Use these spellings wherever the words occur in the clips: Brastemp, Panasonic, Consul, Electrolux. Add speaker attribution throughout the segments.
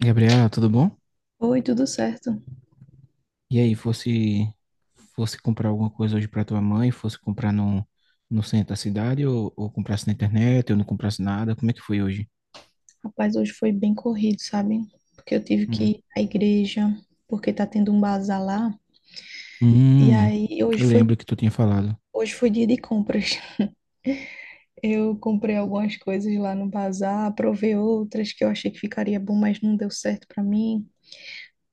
Speaker 1: Gabriela, tudo bom?
Speaker 2: Oi, tudo certo?
Speaker 1: E aí, fosse comprar alguma coisa hoje para tua mãe, fosse comprar no centro da cidade ou comprasse na internet ou não comprasse nada, como é que foi hoje?
Speaker 2: Rapaz, hoje foi bem corrido, sabe? Porque eu tive que
Speaker 1: Hum.
Speaker 2: ir à igreja, porque tá tendo um bazar lá. E
Speaker 1: Hum,
Speaker 2: aí,
Speaker 1: eu lembro que tu tinha falado.
Speaker 2: hoje foi dia de compras. Eu comprei algumas coisas lá no bazar, provei outras que eu achei que ficaria bom, mas não deu certo pra mim.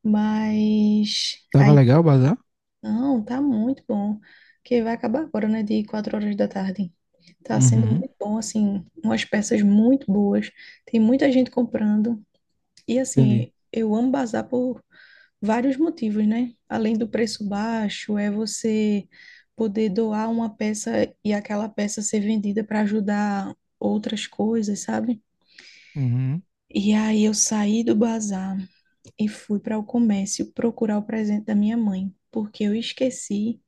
Speaker 2: Mas
Speaker 1: Tava
Speaker 2: aí,
Speaker 1: legal o bazar?
Speaker 2: não, tá muito bom. Que vai acabar agora, né? De 4 horas da tarde. Tá sendo
Speaker 1: Uhum,
Speaker 2: muito bom, assim, umas peças muito boas. Tem muita gente comprando. E
Speaker 1: entendi.
Speaker 2: assim, eu amo bazar por vários motivos, né? Além do preço baixo, é você poder doar uma peça e aquela peça ser vendida para ajudar outras coisas, sabe?
Speaker 1: Uhum.
Speaker 2: E aí eu saí do bazar e fui para o comércio procurar o presente da minha mãe, porque eu esqueci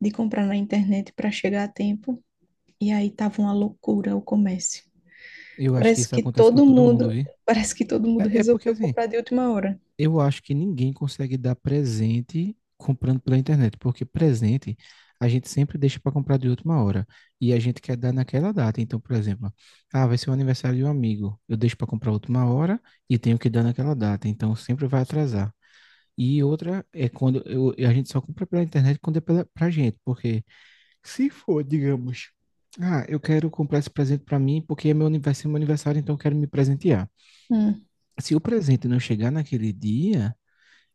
Speaker 2: de comprar na internet para chegar a tempo, e aí tava uma loucura o comércio.
Speaker 1: Eu acho que
Speaker 2: Parece
Speaker 1: isso
Speaker 2: que
Speaker 1: acontece com
Speaker 2: todo
Speaker 1: todo mundo,
Speaker 2: mundo,
Speaker 1: vi?
Speaker 2: parece que todo mundo
Speaker 1: É porque
Speaker 2: resolveu
Speaker 1: assim,
Speaker 2: comprar de última hora.
Speaker 1: eu acho que ninguém consegue dar presente comprando pela internet, porque presente a gente sempre deixa para comprar de última hora e a gente quer dar naquela data. Então, por exemplo, ah, vai ser o aniversário de um amigo, eu deixo para comprar última hora e tenho que dar naquela data, então sempre vai atrasar. E outra é a gente só compra pela internet quando é pra gente, porque se for, digamos, ah, eu quero comprar esse presente para mim porque é meu aniversário, então eu quero me presentear.
Speaker 2: Hum,
Speaker 1: Se o presente não chegar naquele dia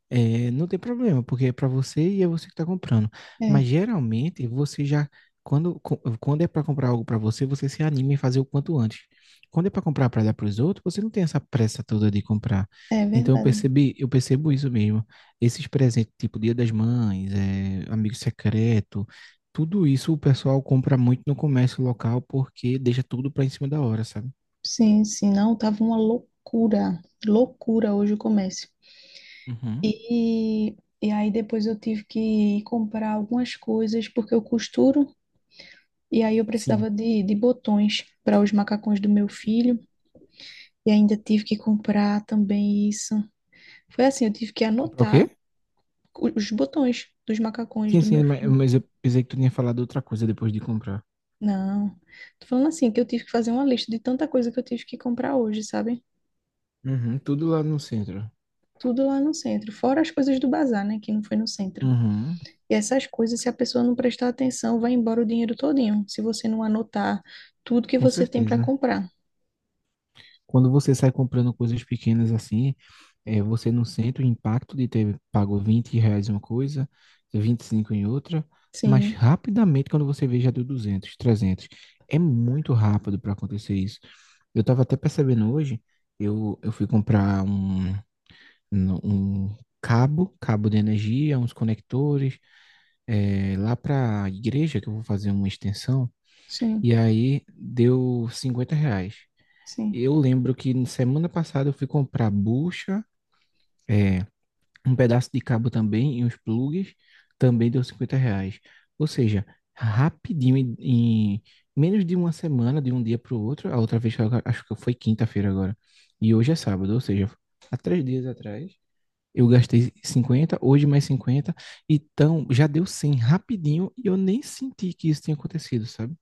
Speaker 1: não tem problema, porque é para você e é você que está comprando.
Speaker 2: é.
Speaker 1: Mas geralmente você já, quando é para comprar algo para você, você se anima em fazer o quanto antes. Quando é para comprar para dar para os outros, você não tem essa pressa toda de comprar.
Speaker 2: É
Speaker 1: Então
Speaker 2: verdade.
Speaker 1: eu percebo isso mesmo. Esses presentes, tipo Dia das Mães, é, amigo secreto, tudo isso o pessoal compra muito no comércio local porque deixa tudo para em cima da hora, sabe?
Speaker 2: Sim, sim, não, tava uma loucura, loucura hoje o comércio.
Speaker 1: Uhum.
Speaker 2: E, e aí depois eu tive que ir comprar algumas coisas porque eu costuro e aí eu
Speaker 1: Sim.
Speaker 2: precisava de botões para os macacões do meu filho e ainda tive que comprar também isso. Foi assim, eu tive que
Speaker 1: Comprar o quê?
Speaker 2: anotar os botões dos macacões
Speaker 1: Sim,
Speaker 2: do
Speaker 1: sim,
Speaker 2: meu
Speaker 1: mas
Speaker 2: filho.
Speaker 1: mas eu pensei que tu tinha falado outra coisa depois de comprar.
Speaker 2: Não, tô falando assim que eu tive que fazer uma lista de tanta coisa que eu tive que comprar hoje, sabe?
Speaker 1: Uhum, tudo lá no centro.
Speaker 2: Tudo lá no centro, fora as coisas do bazar, né, que não foi no centro.
Speaker 1: Uhum,
Speaker 2: E essas coisas, se a pessoa não prestar atenção, vai embora o dinheiro todinho, se você não anotar tudo que
Speaker 1: com
Speaker 2: você tem para
Speaker 1: certeza.
Speaker 2: comprar.
Speaker 1: Quando você sai comprando coisas pequenas assim, é, você não sente o impacto de ter pago R$ 20 em uma coisa, 25 em outra, mas
Speaker 2: Sim,
Speaker 1: rapidamente quando você vê já deu 200, 300, é muito rápido para acontecer isso. Eu estava até percebendo hoje, eu fui comprar um cabo, cabo de energia, uns conectores, é, lá para a igreja que eu vou fazer uma extensão.
Speaker 2: sim,
Speaker 1: E aí deu R$ 50.
Speaker 2: sim.
Speaker 1: Eu lembro que na semana passada eu fui comprar bucha, é, um pedaço de cabo também e uns plugs, também deu R$ 50. Ou seja, rapidinho, em menos de uma semana, de um dia para o outro, a outra vez, acho que foi quinta-feira agora, e hoje é sábado, ou seja, há 3 dias atrás, eu gastei 50, hoje mais 50, então já deu 100 rapidinho e eu nem senti que isso tinha acontecido, sabe?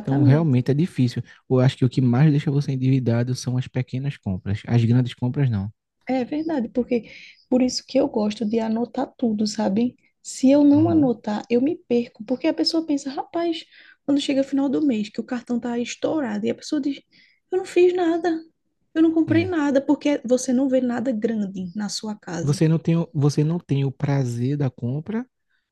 Speaker 1: Então, realmente é difícil. Eu acho que o que mais deixa você endividado são as pequenas compras. As grandes compras, não.
Speaker 2: É verdade, porque por isso que eu gosto de anotar tudo, sabe? Se eu não
Speaker 1: Uhum.
Speaker 2: anotar, eu me perco, porque a pessoa pensa, rapaz, quando chega final do mês, que o cartão tá estourado, e a pessoa diz, eu não fiz nada, eu não comprei
Speaker 1: É.
Speaker 2: nada, porque você não vê nada grande na sua casa.
Speaker 1: Você não tem, você não tem o prazer da compra,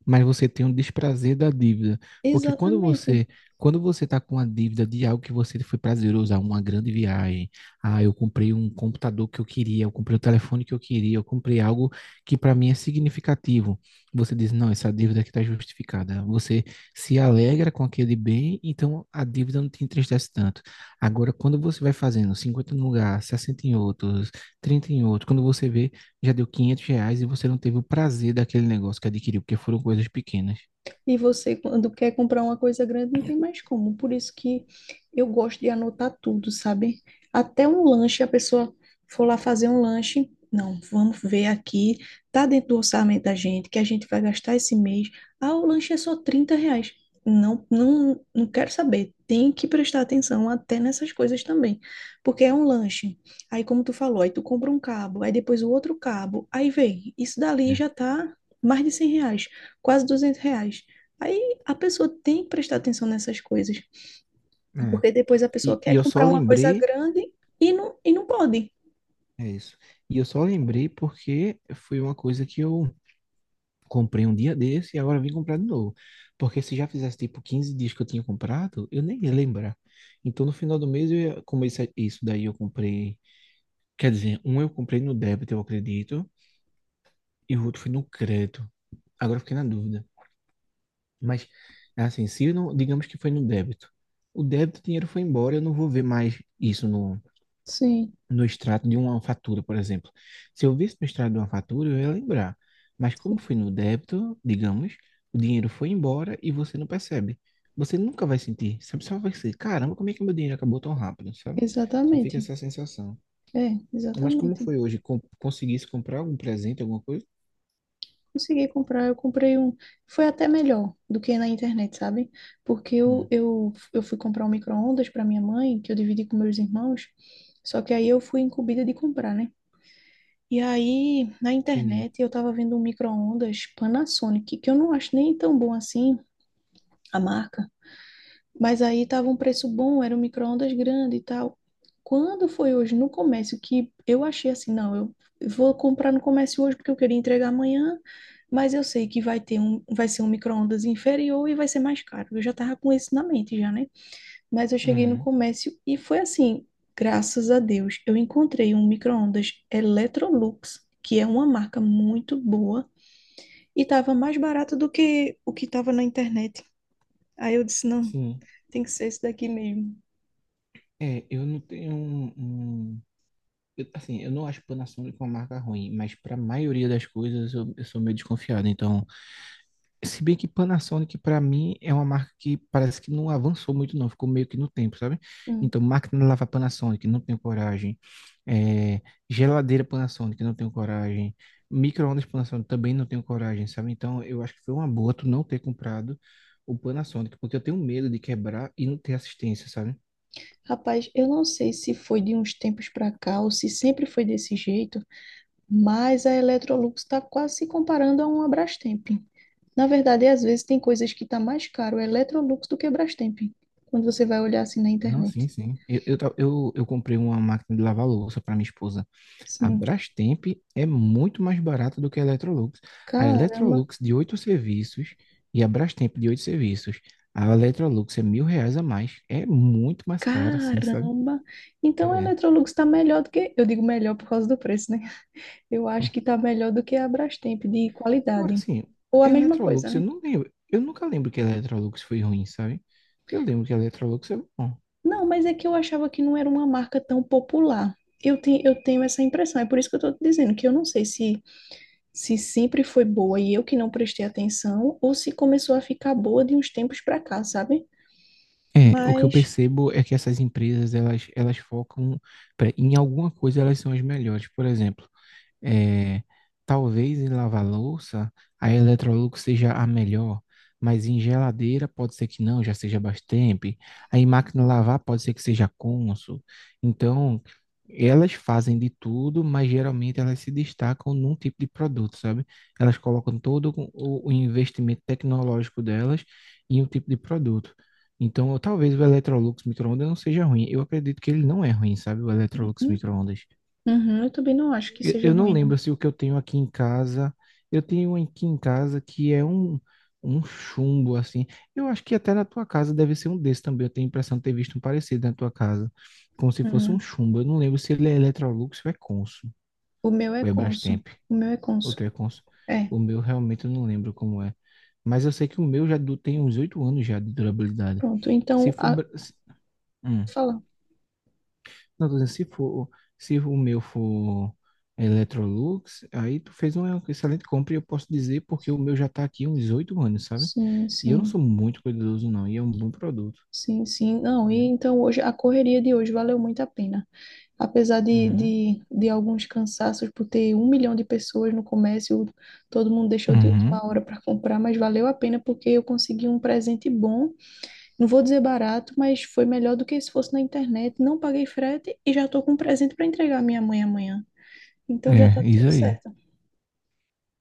Speaker 1: mas você tem o desprazer da dívida. Porque
Speaker 2: Exatamente.
Speaker 1: quando você está com a dívida de algo que você foi prazeroso, ah, uma grande viagem, ah, eu comprei um computador que eu queria, eu comprei o telefone que eu queria, eu comprei algo que para mim é significativo. Você diz, não, essa dívida aqui está justificada. Você se alegra com aquele bem, então a dívida não te entristece tanto. Agora, quando você vai fazendo 50 num lugar, 60 em outros, 30 em outro, quando você vê já deu R$ 500 e você não teve o prazer daquele negócio que adquiriu, porque foram coisas pequenas.
Speaker 2: E você, quando quer comprar uma coisa grande, não tem mais como. Por isso que eu gosto de anotar tudo, sabe? Até um lanche, a pessoa for lá fazer um lanche. Não, vamos ver aqui. Tá dentro do orçamento da gente, que a gente vai gastar esse mês. Ah, o lanche é só 30 reais. Não, não, não quero saber. Tem que prestar atenção até nessas coisas também. Porque é um lanche. Aí, como tu falou, aí tu compra um cabo, aí depois o outro cabo. Aí vem, isso dali
Speaker 1: É.
Speaker 2: já tá mais de 100 reais, quase 200 reais. Aí a pessoa tem que prestar atenção nessas coisas,
Speaker 1: É.
Speaker 2: porque depois a pessoa
Speaker 1: E
Speaker 2: quer
Speaker 1: eu só
Speaker 2: comprar uma coisa
Speaker 1: lembrei,
Speaker 2: grande e não pode.
Speaker 1: é isso. E eu só lembrei porque foi uma coisa que eu comprei um dia desse e agora vim comprar de novo. Porque se já fizesse tipo 15 dias que eu tinha comprado, eu nem ia lembrar. Então no final do mês eu ia, isso daí eu comprei, quer dizer, um eu comprei no débito, eu acredito, e o outro foi no crédito. Agora eu fiquei na dúvida. Mas, assim, se não, digamos que foi no débito. O débito, o dinheiro foi embora, eu não vou ver mais isso
Speaker 2: Sim,
Speaker 1: no extrato de uma fatura, por exemplo. Se eu visse no extrato de uma fatura, eu ia lembrar. Mas como foi no débito, digamos, o dinheiro foi embora e você não percebe. Você nunca vai sentir, sabe? Só vai ser, caramba, como é que meu dinheiro acabou tão rápido, sabe? Só fica
Speaker 2: exatamente.
Speaker 1: essa sensação.
Speaker 2: É,
Speaker 1: Mas como
Speaker 2: exatamente.
Speaker 1: foi hoje? Conseguisse comprar algum presente, alguma coisa?
Speaker 2: Consegui comprar, eu comprei um. Foi até melhor do que na internet, sabe? Porque
Speaker 1: Hum,
Speaker 2: eu fui comprar um micro-ondas para minha mãe, que eu dividi com meus irmãos, só que aí eu fui incumbida de comprar, né? E aí, na
Speaker 1: entendi.
Speaker 2: internet, eu tava vendo um micro-ondas Panasonic, que eu não acho nem tão bom assim a marca. Mas aí tava um preço bom, era um micro-ondas grande e tal. Quando foi hoje no comércio que eu achei assim, não, eu vou comprar no comércio hoje porque eu queria entregar amanhã, mas eu sei que vai ter um, vai ser um micro-ondas inferior e vai ser mais caro. Eu já tava com isso na mente já, né? Mas eu cheguei no
Speaker 1: Uhum,
Speaker 2: comércio e foi assim, graças a Deus, eu encontrei um micro-ondas Electrolux, que é uma marca muito boa e tava mais barato do que o que tava na internet. Aí eu disse, não,
Speaker 1: sim.
Speaker 2: tem que ser esse daqui mesmo.
Speaker 1: É, eu não tenho eu- assim, eu não acho Panasonic uma marca ruim, mas para a maioria das coisas eu sou meio desconfiado. Então, se bem que Panasonic para mim é uma marca que parece que não avançou muito, não, ficou meio que no tempo, sabe?
Speaker 2: Hum.
Speaker 1: Então, máquina de lavar Panasonic, não tenho coragem. É, geladeira Panasonic, não tenho coragem. Micro-ondas Panasonic também não tenho coragem, sabe? Então, eu acho que foi uma boa tu não ter comprado o Panasonic, porque eu tenho medo de quebrar e não ter assistência, sabe?
Speaker 2: Rapaz, eu não sei se foi de uns tempos para cá ou se sempre foi desse jeito, mas a Electrolux está quase se comparando a uma Brastemp. Na verdade, às vezes tem coisas que tá mais caro a Electrolux do que a Brastemp, quando você vai olhar assim na
Speaker 1: Não, sim,
Speaker 2: internet.
Speaker 1: sim. Eu comprei uma máquina de lavar louça para minha esposa. A
Speaker 2: Sim,
Speaker 1: Brastemp é muito mais barata do que a Electrolux. A
Speaker 2: caramba,
Speaker 1: Electrolux de 8 serviços e a Brastemp de 8 serviços. A Electrolux é R$ 1.000 a mais. É muito mais cara, assim, sabe?
Speaker 2: caramba. Então a
Speaker 1: É.
Speaker 2: Electrolux está melhor do que, eu digo melhor por causa do preço, né? Eu acho que está melhor do que a Brastemp de
Speaker 1: Agora,
Speaker 2: qualidade.
Speaker 1: assim,
Speaker 2: Ou a mesma coisa,
Speaker 1: Electrolux, eu
Speaker 2: né?
Speaker 1: não lembro. Eu nunca lembro que a Electrolux foi ruim, sabe? Eu lembro que a Electrolux é bom.
Speaker 2: Não, mas é que eu achava que não era uma marca tão popular. Eu tenho essa impressão, é por isso que eu estou dizendo que eu não sei se, se sempre foi boa e eu que não prestei atenção, ou se começou a ficar boa de uns tempos para cá, sabe?
Speaker 1: É, o que eu
Speaker 2: Mas
Speaker 1: percebo é que essas empresas, elas focam em alguma coisa, elas são as melhores. Por exemplo, é, talvez em lava-louça a Electrolux seja a melhor, mas em geladeira pode ser que não, já seja Brastemp. Aí em máquina de lavar pode ser que seja Consul. Então, elas fazem de tudo, mas geralmente elas se destacam num tipo de produto, sabe? Elas colocam o investimento tecnológico delas em um tipo de produto. Então, talvez o Electrolux micro-ondas não seja ruim. Eu acredito que ele não é ruim, sabe? O Electrolux
Speaker 2: uhum,
Speaker 1: micro-ondas.
Speaker 2: uhum, eu também não acho que
Speaker 1: Eu
Speaker 2: seja
Speaker 1: eu não
Speaker 2: ruim, não.
Speaker 1: lembro se o que eu tenho aqui em casa. Eu tenho um aqui em casa que é um chumbo, assim. Eu acho que até na tua casa deve ser um desse também. Eu tenho a impressão de ter visto um parecido na tua casa. Como se fosse um
Speaker 2: Uhum.
Speaker 1: chumbo. Eu não lembro se ele é Electrolux ou é Consul.
Speaker 2: O meu é
Speaker 1: Ou é
Speaker 2: Consul.
Speaker 1: Brastemp.
Speaker 2: O meu é
Speaker 1: Ou
Speaker 2: Consul.
Speaker 1: tu é Consul.
Speaker 2: É,
Speaker 1: O meu realmente eu não lembro como é. Mas eu sei que o meu tem uns 8 anos já de durabilidade.
Speaker 2: pronto.
Speaker 1: Se
Speaker 2: Então,
Speaker 1: for.
Speaker 2: a...
Speaker 1: Bra- se- hum.
Speaker 2: fala.
Speaker 1: Não, tô dizendo, se for, se o meu for Electrolux, aí tu fez uma excelente compra e eu posso dizer porque o meu já tá aqui há uns 8 anos, sabe?
Speaker 2: Sim,
Speaker 1: E eu não sou
Speaker 2: sim.
Speaker 1: muito cuidadoso, não, e é um bom produto,
Speaker 2: Sim, sim. Não, e
Speaker 1: né?
Speaker 2: então hoje a correria de hoje valeu muito a pena. Apesar
Speaker 1: Uhum.
Speaker 2: de alguns cansaços por ter 1 milhão de pessoas no comércio, todo mundo deixou de
Speaker 1: Uhum.
Speaker 2: última hora para comprar, mas valeu a pena porque eu consegui um presente bom. Não vou dizer barato, mas foi melhor do que se fosse na internet. Não paguei frete e já estou com um presente para entregar à minha mãe amanhã. Então já está
Speaker 1: É, isso
Speaker 2: tudo
Speaker 1: aí.
Speaker 2: certo.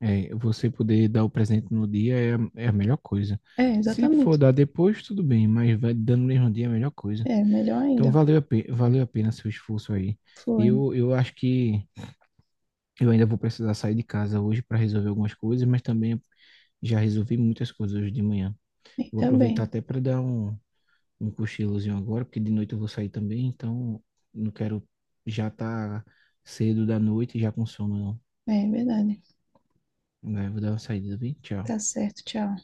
Speaker 1: É, você poder dar o presente no dia é, é a melhor coisa.
Speaker 2: É,
Speaker 1: Se for
Speaker 2: exatamente.
Speaker 1: dar depois, tudo bem, mas vai dando no mesmo dia é a melhor coisa.
Speaker 2: É, melhor
Speaker 1: Então
Speaker 2: ainda.
Speaker 1: valeu valeu a pena seu esforço aí.
Speaker 2: Foi.
Speaker 1: Eu acho que eu ainda vou precisar sair de casa hoje para resolver algumas coisas, mas também já resolvi muitas coisas hoje de manhã. Vou
Speaker 2: Ainda
Speaker 1: aproveitar
Speaker 2: bem.
Speaker 1: até para dar um cochilozinho agora, porque de noite eu vou sair também, então não quero já estar cedo da noite e já com sono,
Speaker 2: É, é verdade.
Speaker 1: não. Né? Vou dar uma saída, viu? Tchau.
Speaker 2: Tá certo. Tchau.